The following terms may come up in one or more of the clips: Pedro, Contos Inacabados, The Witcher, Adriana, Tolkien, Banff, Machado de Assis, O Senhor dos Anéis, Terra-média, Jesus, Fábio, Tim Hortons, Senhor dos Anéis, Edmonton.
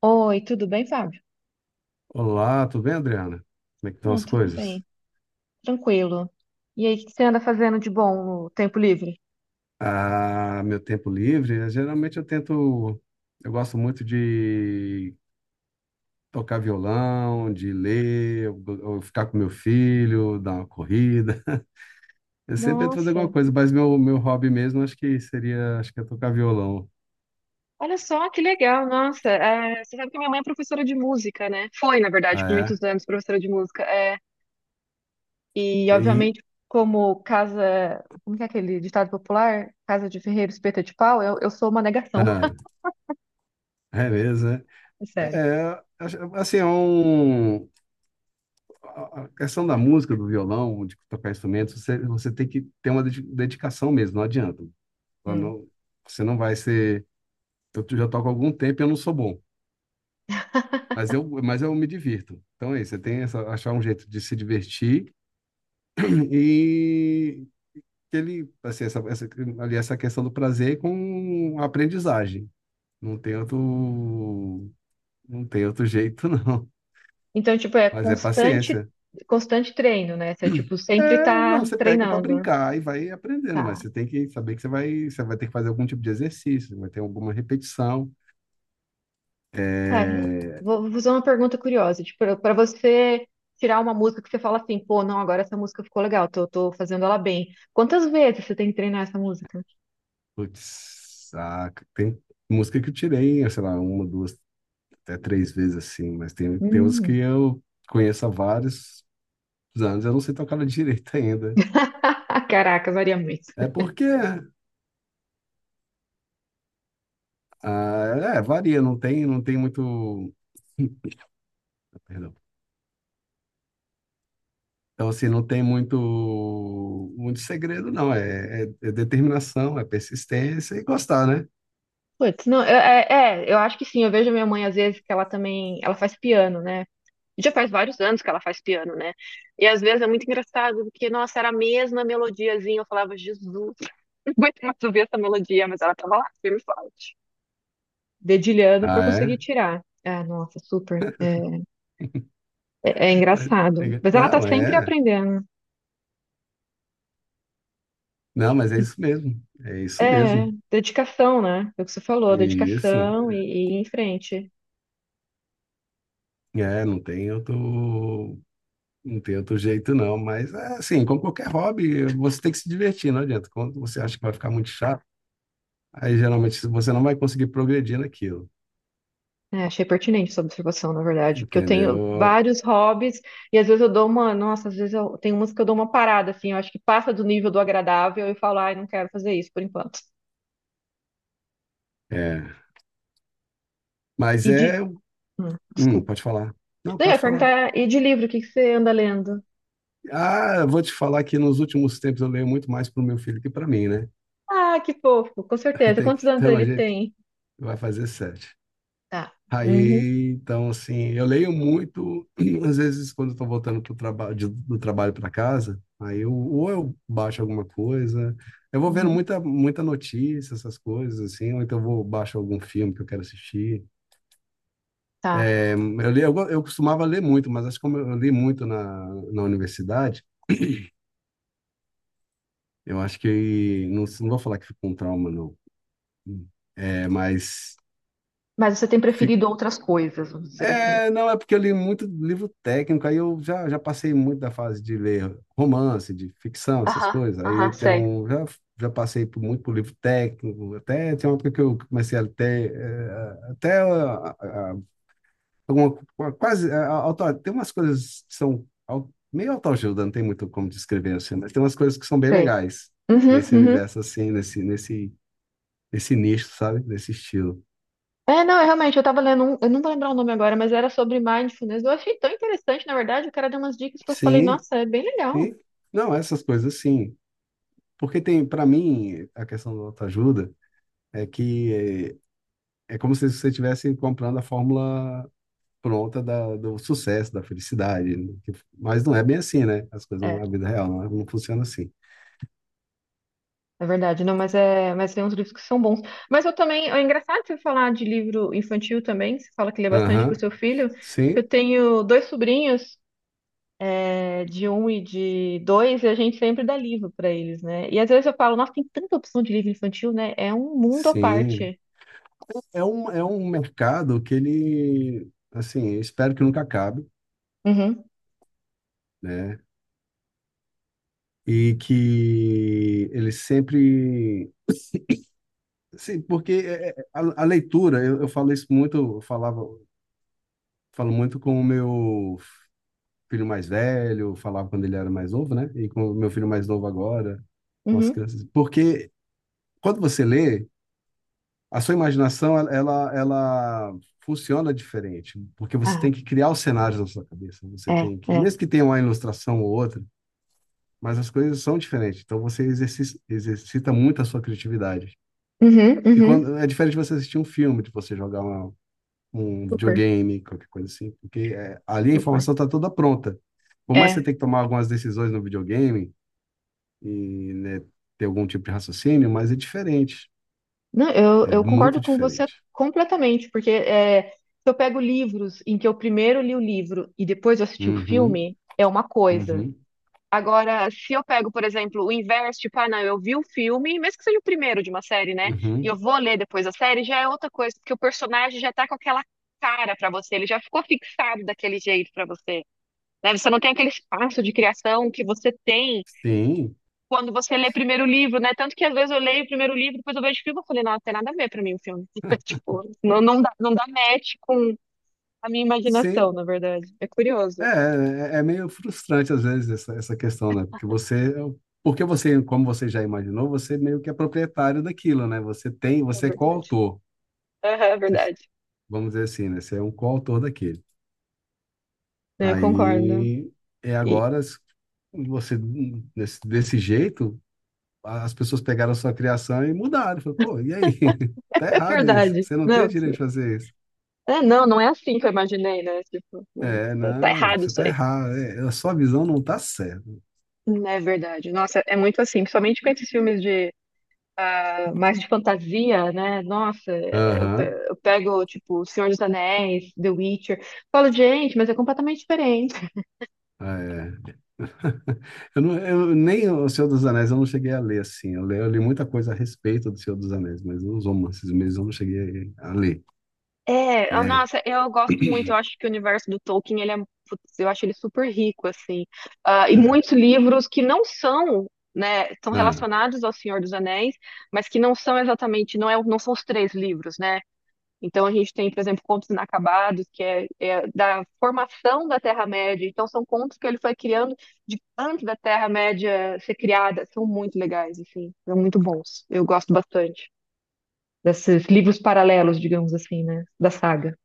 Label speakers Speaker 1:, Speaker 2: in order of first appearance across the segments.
Speaker 1: Oi, tudo bem, Fábio?
Speaker 2: Olá, tudo bem, Adriana? Como é que estão
Speaker 1: Ah,
Speaker 2: as
Speaker 1: tudo
Speaker 2: coisas?
Speaker 1: bem, tranquilo. E aí, o que que você anda fazendo de bom no tempo livre?
Speaker 2: Ah, meu tempo livre, geralmente eu gosto muito de tocar violão, de ler, eu ficar com meu filho, dar uma corrida. Eu sempre tento fazer
Speaker 1: Nossa,
Speaker 2: alguma coisa, mas meu hobby mesmo acho que seria, acho que é tocar violão.
Speaker 1: olha só que legal, nossa. Você sabe que minha mãe é professora de música, né? Foi, na verdade, por
Speaker 2: Ah,
Speaker 1: muitos anos professora de música. E,
Speaker 2: é? E,
Speaker 1: obviamente, como casa. Como que é aquele ditado popular? Casa de ferreiro, espeta de pau, eu sou uma negação,
Speaker 2: ah, é mesmo, né?
Speaker 1: é sério.
Speaker 2: É, assim, a questão da música, do violão, de tocar instrumentos, você tem que ter uma dedicação mesmo, não adianta. Ela
Speaker 1: Hum.
Speaker 2: não- Você não vai ser. Eu já toco há algum tempo e eu não sou bom, mas mas eu me divirto. Então é isso, você tem achar um jeito de se divertir e que ele, assim, essa, ali essa questão do prazer com a aprendizagem. Não tem outro, não tem outro jeito, não.
Speaker 1: Então, tipo,
Speaker 2: Mas é paciência.
Speaker 1: constante treino, né? Você, tipo, sempre tá
Speaker 2: Não, você pega para
Speaker 1: treinando.
Speaker 2: brincar e vai aprendendo, mas
Speaker 1: Tá.
Speaker 2: você tem que saber que você vai ter que fazer algum tipo de exercício, vai ter alguma repetição.
Speaker 1: Cara,
Speaker 2: É...
Speaker 1: vou fazer uma pergunta curiosa. Tipo, para você tirar uma música que você fala assim, pô, não, agora essa música ficou legal, tô fazendo ela bem. Quantas vezes você tem que treinar essa música?
Speaker 2: Putz, ah, tem música que eu tirei, sei lá, uma, duas, até três vezes assim, mas tem outras que
Speaker 1: Hum.
Speaker 2: eu conheço há vários anos, eu não sei tocar ela direito ainda.
Speaker 1: Ah, caraca, varia muito.
Speaker 2: É porque, ah, é, varia, não tem muito, perdão. Então, assim, não tem muito, muito segredo, não. É, é determinação, é persistência e gostar, né?
Speaker 1: Putz, não, eu acho que sim. Eu vejo minha mãe às vezes que ela também, ela faz piano, né? Já faz vários anos que ela faz piano, né? E às vezes é muito engraçado, porque, nossa, era a mesma melodiazinha. Eu falava, Jesus, não aguento mais ouvir essa melodia, mas ela tava lá, firme e forte, dedilhando para
Speaker 2: Ah, é?
Speaker 1: conseguir tirar. Ah, nossa, super. É
Speaker 2: Mas-
Speaker 1: engraçado. Mas ela tá
Speaker 2: Não,
Speaker 1: sempre
Speaker 2: é.
Speaker 1: aprendendo.
Speaker 2: Não, mas é isso mesmo. É isso
Speaker 1: É,
Speaker 2: mesmo.
Speaker 1: dedicação, né? É o que você falou,
Speaker 2: Isso.
Speaker 1: dedicação e ir em frente.
Speaker 2: É, não tem outro, não tem outro jeito, não. Mas, é assim, como qualquer hobby, você tem que se divertir, não adianta. Quando você acha que vai ficar muito chato, aí geralmente você não vai conseguir progredir naquilo.
Speaker 1: É, achei pertinente sua observação, na verdade, porque eu tenho
Speaker 2: Entendeu?
Speaker 1: vários hobbies e às vezes eu dou uma, nossa, às vezes eu tenho umas que eu dou uma parada, assim, eu acho que passa do nível do agradável e eu falo, ai, não quero fazer isso por enquanto.
Speaker 2: É. Mas
Speaker 1: E de,
Speaker 2: é.
Speaker 1: hum, desculpa.
Speaker 2: Pode falar. Não,
Speaker 1: Daí eu ia
Speaker 2: pode falar.
Speaker 1: perguntar, e de livro, o que que você anda lendo?
Speaker 2: Ah, eu vou te falar que nos últimos tempos eu leio muito mais para o meu filho que para mim, né?
Speaker 1: Ah, que fofo, com certeza. Quantos anos
Speaker 2: Então a
Speaker 1: ele
Speaker 2: gente
Speaker 1: tem?
Speaker 2: vai fazer sete.
Speaker 1: Tá. Uhum.
Speaker 2: Aí, então, assim, eu leio muito, às vezes, quando eu tô voltando pro do trabalho para casa, aí eu, ou eu baixo alguma coisa, eu vou vendo
Speaker 1: Uhum,
Speaker 2: muita, muita notícia, essas coisas, assim, ou então eu vou baixo algum filme que eu quero assistir.
Speaker 1: tá.
Speaker 2: É, eu li, eu costumava ler muito, mas acho que como eu li muito na universidade, eu acho que, não, não vou falar que ficou um trauma, não, mas
Speaker 1: Mas você tem
Speaker 2: fi-
Speaker 1: preferido outras coisas, vamos dizer assim.
Speaker 2: é, não, é porque eu li muito livro técnico, aí eu já passei muito da fase de ler romance, de ficção, essas
Speaker 1: Aham,
Speaker 2: coisas.
Speaker 1: aham,
Speaker 2: Aí
Speaker 1: sei,
Speaker 2: já passei por, muito por livro técnico, até tem uma época que eu comecei a ter, alguma, tem umas coisas que são meio autoajuda, não tem muito como descrever assim, mas tem umas coisas que são bem
Speaker 1: sei.
Speaker 2: legais
Speaker 1: Uhum,
Speaker 2: nesse
Speaker 1: uhum.
Speaker 2: universo assim, nesse nicho, sabe? Nesse estilo.
Speaker 1: É, não, é, Realmente, eu tava lendo um, eu não vou lembrar o nome agora, mas era sobre mindfulness. Eu achei tão interessante, na verdade, o cara deu umas dicas que eu falei,
Speaker 2: Sim,
Speaker 1: nossa, é bem legal.
Speaker 2: sim. Não, essas coisas sim. Porque tem, para mim, a questão da autoajuda é que é, é como se você estivesse comprando a fórmula pronta do sucesso, da felicidade, né? Mas não é bem assim, né? As coisas,
Speaker 1: É,
Speaker 2: a vida real não, não funciona assim.
Speaker 1: é verdade, não, mas tem uns livros que são bons. Mas eu também, é engraçado você falar de livro infantil também, você fala que lê bastante
Speaker 2: Aham,
Speaker 1: pro seu filho, que
Speaker 2: sim,
Speaker 1: eu tenho dois sobrinhos, é, de um e de dois, e a gente sempre dá livro para eles, né? E às vezes eu falo, nossa, tem tanta opção de livro infantil, né? É um mundo à
Speaker 2: sim.
Speaker 1: parte.
Speaker 2: É um mercado que ele, assim, eu espero que nunca acabe,
Speaker 1: Uhum,
Speaker 2: né? E que ele sempre. Sim, porque a leitura, eu falo isso muito, eu falava, falo muito com o meu filho mais velho, falava quando ele era mais novo, né? E com o meu filho mais novo agora, com as
Speaker 1: uhum,
Speaker 2: crianças. Porque quando você lê, a sua imaginação, ela funciona diferente, porque você
Speaker 1: Ah,
Speaker 2: tem que criar os cenários na sua cabeça. Você
Speaker 1: é,
Speaker 2: tem que,
Speaker 1: é.
Speaker 2: mesmo que tenha uma ilustração ou outra, mas as coisas são diferentes. Então você exercita muito a sua criatividade.
Speaker 1: uhum,
Speaker 2: E
Speaker 1: uhum.
Speaker 2: quando é diferente de você assistir um filme, de você jogar um
Speaker 1: Super,
Speaker 2: videogame, qualquer coisa assim, porque é, ali a
Speaker 1: super.
Speaker 2: informação está toda pronta. Por mais que você
Speaker 1: É,
Speaker 2: tenha que tomar algumas decisões no videogame, e né, ter algum tipo de raciocínio, mas é diferente.
Speaker 1: não,
Speaker 2: É
Speaker 1: eu concordo
Speaker 2: muito
Speaker 1: com você
Speaker 2: diferente.
Speaker 1: completamente, porque é, se eu pego livros em que eu primeiro li o livro e depois eu assisti o
Speaker 2: Uhum,
Speaker 1: filme, é uma coisa.
Speaker 2: uhum,
Speaker 1: Agora, se eu pego, por exemplo, o inverso, tipo, ah, não, eu vi o filme, mesmo que seja o primeiro de uma série, né? E
Speaker 2: uhum.
Speaker 1: eu vou ler depois a série, já é outra coisa, porque o personagem já tá com aquela cara pra você, ele já ficou fixado daquele jeito pra você, né? Você não tem aquele espaço de criação que você tem
Speaker 2: Sim,
Speaker 1: quando você lê primeiro o livro, né? Tanto que às vezes eu leio o primeiro livro, depois eu vejo o filme, eu falei, não tem nada a ver pra mim o filme. Tipo, não dá match com a minha imaginação,
Speaker 2: sim.
Speaker 1: na verdade. É curioso,
Speaker 2: É, é meio frustrante às vezes essa, essa questão, né? Porque você, como você já imaginou, você meio que é proprietário daquilo, né? Você tem,
Speaker 1: na
Speaker 2: você é
Speaker 1: verdade.
Speaker 2: coautor.
Speaker 1: Aham, é
Speaker 2: Você-
Speaker 1: verdade.
Speaker 2: Vamos dizer assim, né? Você é um coautor daquilo.
Speaker 1: É, eu concordo.
Speaker 2: Aí é
Speaker 1: E,
Speaker 2: agora s- Você desse jeito, as pessoas pegaram a sua criação e mudaram. Falei, pô, e aí? Tá errado isso.
Speaker 1: verdade.
Speaker 2: Você não
Speaker 1: Não,
Speaker 2: tem direito de fazer isso.
Speaker 1: não, não é assim que eu imaginei, né? Tipo,
Speaker 2: É,
Speaker 1: tá
Speaker 2: não,
Speaker 1: errado
Speaker 2: você
Speaker 1: isso
Speaker 2: tá
Speaker 1: aí.
Speaker 2: errado. É, a sua visão não tá certa.
Speaker 1: É verdade. Nossa, é muito assim, principalmente com esses filmes de mais de fantasia, né? Nossa,
Speaker 2: Aham.
Speaker 1: eu pego, tipo, O Senhor dos Anéis, The Witcher, falo, gente, mas é completamente diferente.
Speaker 2: É. Eu, não, eu nem o Senhor dos Anéis eu não cheguei a ler assim. Eu li muita coisa a respeito do Senhor dos Anéis, mas os romances mesmo eu não cheguei a ler, né?
Speaker 1: Nossa, eu gosto muito, eu acho que o universo do Tolkien, putz, eu acho ele super rico, assim. Ah, e
Speaker 2: Ah,
Speaker 1: muitos livros que não são, né, são
Speaker 2: ah.
Speaker 1: relacionados ao Senhor dos Anéis, mas que não são exatamente, não são os três livros, né? Então a gente tem, por exemplo, Contos Inacabados, é da formação da Terra-média, então são contos que ele foi criando de antes da Terra-média ser criada, são muito legais, assim, são muito bons, eu gosto bastante desses livros paralelos, digamos assim, né, da saga.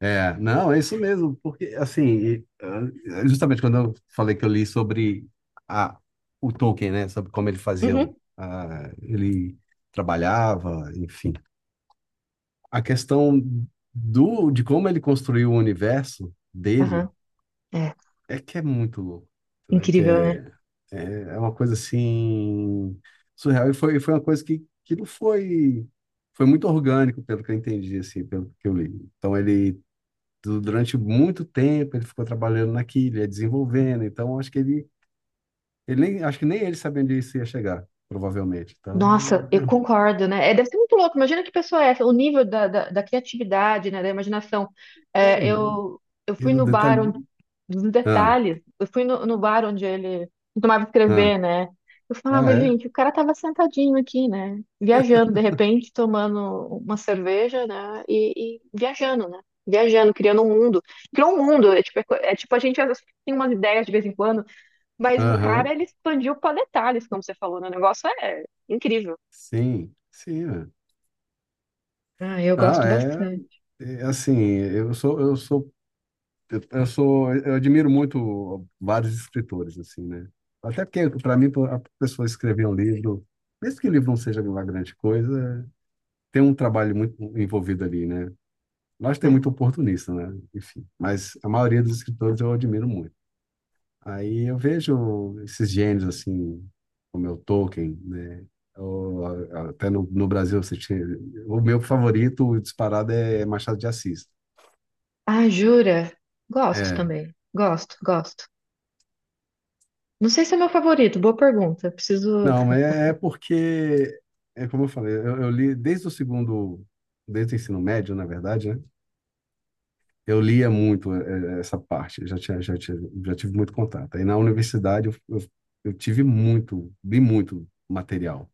Speaker 2: É, não, é isso mesmo, porque assim, justamente quando eu falei que eu li sobre a, o Tolkien, né, sobre como ele fazia,
Speaker 1: Uhum.
Speaker 2: ele trabalhava, enfim, a questão do de como ele construiu o universo
Speaker 1: Aham,
Speaker 2: dele
Speaker 1: é.
Speaker 2: é que é muito louco, né,
Speaker 1: Incrível, né?
Speaker 2: é, é uma coisa assim surreal e foi, foi uma coisa que não foi foi muito orgânico pelo que eu entendi, assim, pelo que eu li. Então durante muito tempo ele ficou trabalhando naquilo, ia desenvolvendo, então acho que ele nem, acho que nem ele sabia onde isso ia chegar, provavelmente. Então,
Speaker 1: Nossa, eu
Speaker 2: é,
Speaker 1: concordo, né? É, deve ser muito louco. Imagina que pessoa é essa, o nível da criatividade, né? Da imaginação.
Speaker 2: é,
Speaker 1: É,
Speaker 2: é,
Speaker 1: eu, eu
Speaker 2: e
Speaker 1: fui
Speaker 2: no
Speaker 1: no bar
Speaker 2: detalhe.
Speaker 1: onde, dos
Speaker 2: Ah,
Speaker 1: detalhes, eu fui no bar onde ele tomava
Speaker 2: ah,
Speaker 1: escrever, né? Eu
Speaker 2: ah,
Speaker 1: falava,
Speaker 2: é?
Speaker 1: gente, o cara tava sentadinho aqui, né? Viajando, de repente, tomando uma cerveja, né? E viajando, né? Viajando, criando um mundo. Criou um mundo, é tipo a gente às vezes, tem umas ideias de vez em quando. Mas o cara,
Speaker 2: Aham,
Speaker 1: ele expandiu para detalhes, como você falou, né? O negócio é incrível.
Speaker 2: sim, sim, é.
Speaker 1: Ah, eu
Speaker 2: Ah,
Speaker 1: gosto
Speaker 2: é,
Speaker 1: bastante.
Speaker 2: é assim, eu sou, eu admiro muito vários escritores, assim, né? Até porque, para mim, a pessoa escrever um livro, mesmo que o livro não seja uma grande coisa, tem um trabalho muito envolvido ali, né? Nós tem
Speaker 1: É.
Speaker 2: muito oportunista, né? Enfim, mas a maioria dos escritores eu admiro muito. Aí eu vejo esses gênios, assim, como é o Tolkien, né? Ou, até no Brasil, você tinha... o meu favorito disparado é Machado de Assis.
Speaker 1: Ah, jura? Gosto
Speaker 2: É.
Speaker 1: também. Gosto, gosto. Não sei se é meu favorito, boa pergunta. Preciso.
Speaker 2: Não, mas é porque, é como eu falei, eu li desde o ensino médio, na verdade, né? Eu lia muito essa parte, eu já tinha, já tinha, já tive muito contato. Aí na universidade eu tive muito, li muito material.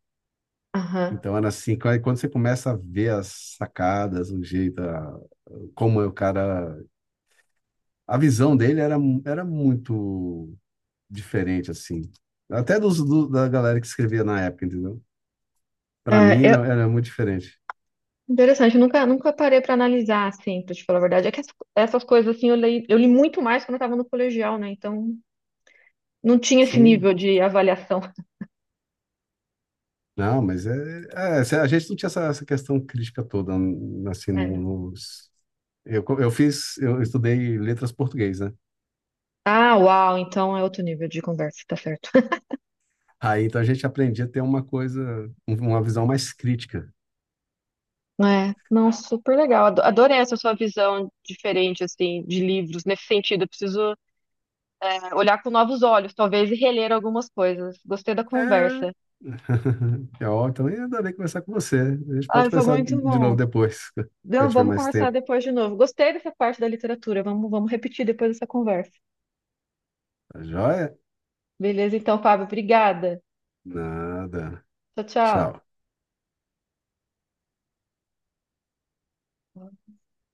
Speaker 1: Aham.
Speaker 2: Então era assim, quando você começa a ver as sacadas, como é o cara, a visão dele era muito diferente assim, até da galera que escrevia na época, entendeu?
Speaker 1: É,
Speaker 2: Para mim
Speaker 1: eu-
Speaker 2: era, era muito diferente.
Speaker 1: Interessante, eu nunca, nunca parei para analisar, assim, pra te falar a verdade. Essas coisas, assim, eu li muito mais quando eu tava no colegial, né? Então, não tinha esse
Speaker 2: Sim,
Speaker 1: nível de avaliação.
Speaker 2: não, mas se a gente não tinha essa, essa questão crítica toda,
Speaker 1: É.
Speaker 2: Eu, eu fiz, eu estudei letras português, né?
Speaker 1: Ah, uau, então é outro nível de conversa, tá certo.
Speaker 2: Aí, então, a gente aprendia a ter uma coisa, uma visão mais crítica.
Speaker 1: É, não, super legal. Adorei essa sua visão diferente, assim, de livros, nesse sentido. Eu preciso, é, olhar com novos olhos, talvez, e reler algumas coisas. Gostei da
Speaker 2: É...
Speaker 1: conversa.
Speaker 2: É ó, também adorei conversar com você. A gente pode
Speaker 1: Ai, foi
Speaker 2: conversar
Speaker 1: muito
Speaker 2: de novo
Speaker 1: bom.
Speaker 2: depois, quando eu
Speaker 1: Não,
Speaker 2: tiver
Speaker 1: vamos
Speaker 2: mais
Speaker 1: conversar
Speaker 2: tempo.
Speaker 1: depois de novo. Gostei dessa parte da literatura. Vamos repetir depois dessa conversa.
Speaker 2: Tá joia?
Speaker 1: Beleza, então, Fábio, obrigada.
Speaker 2: Nada.
Speaker 1: Tchau, tchau.
Speaker 2: Tchau.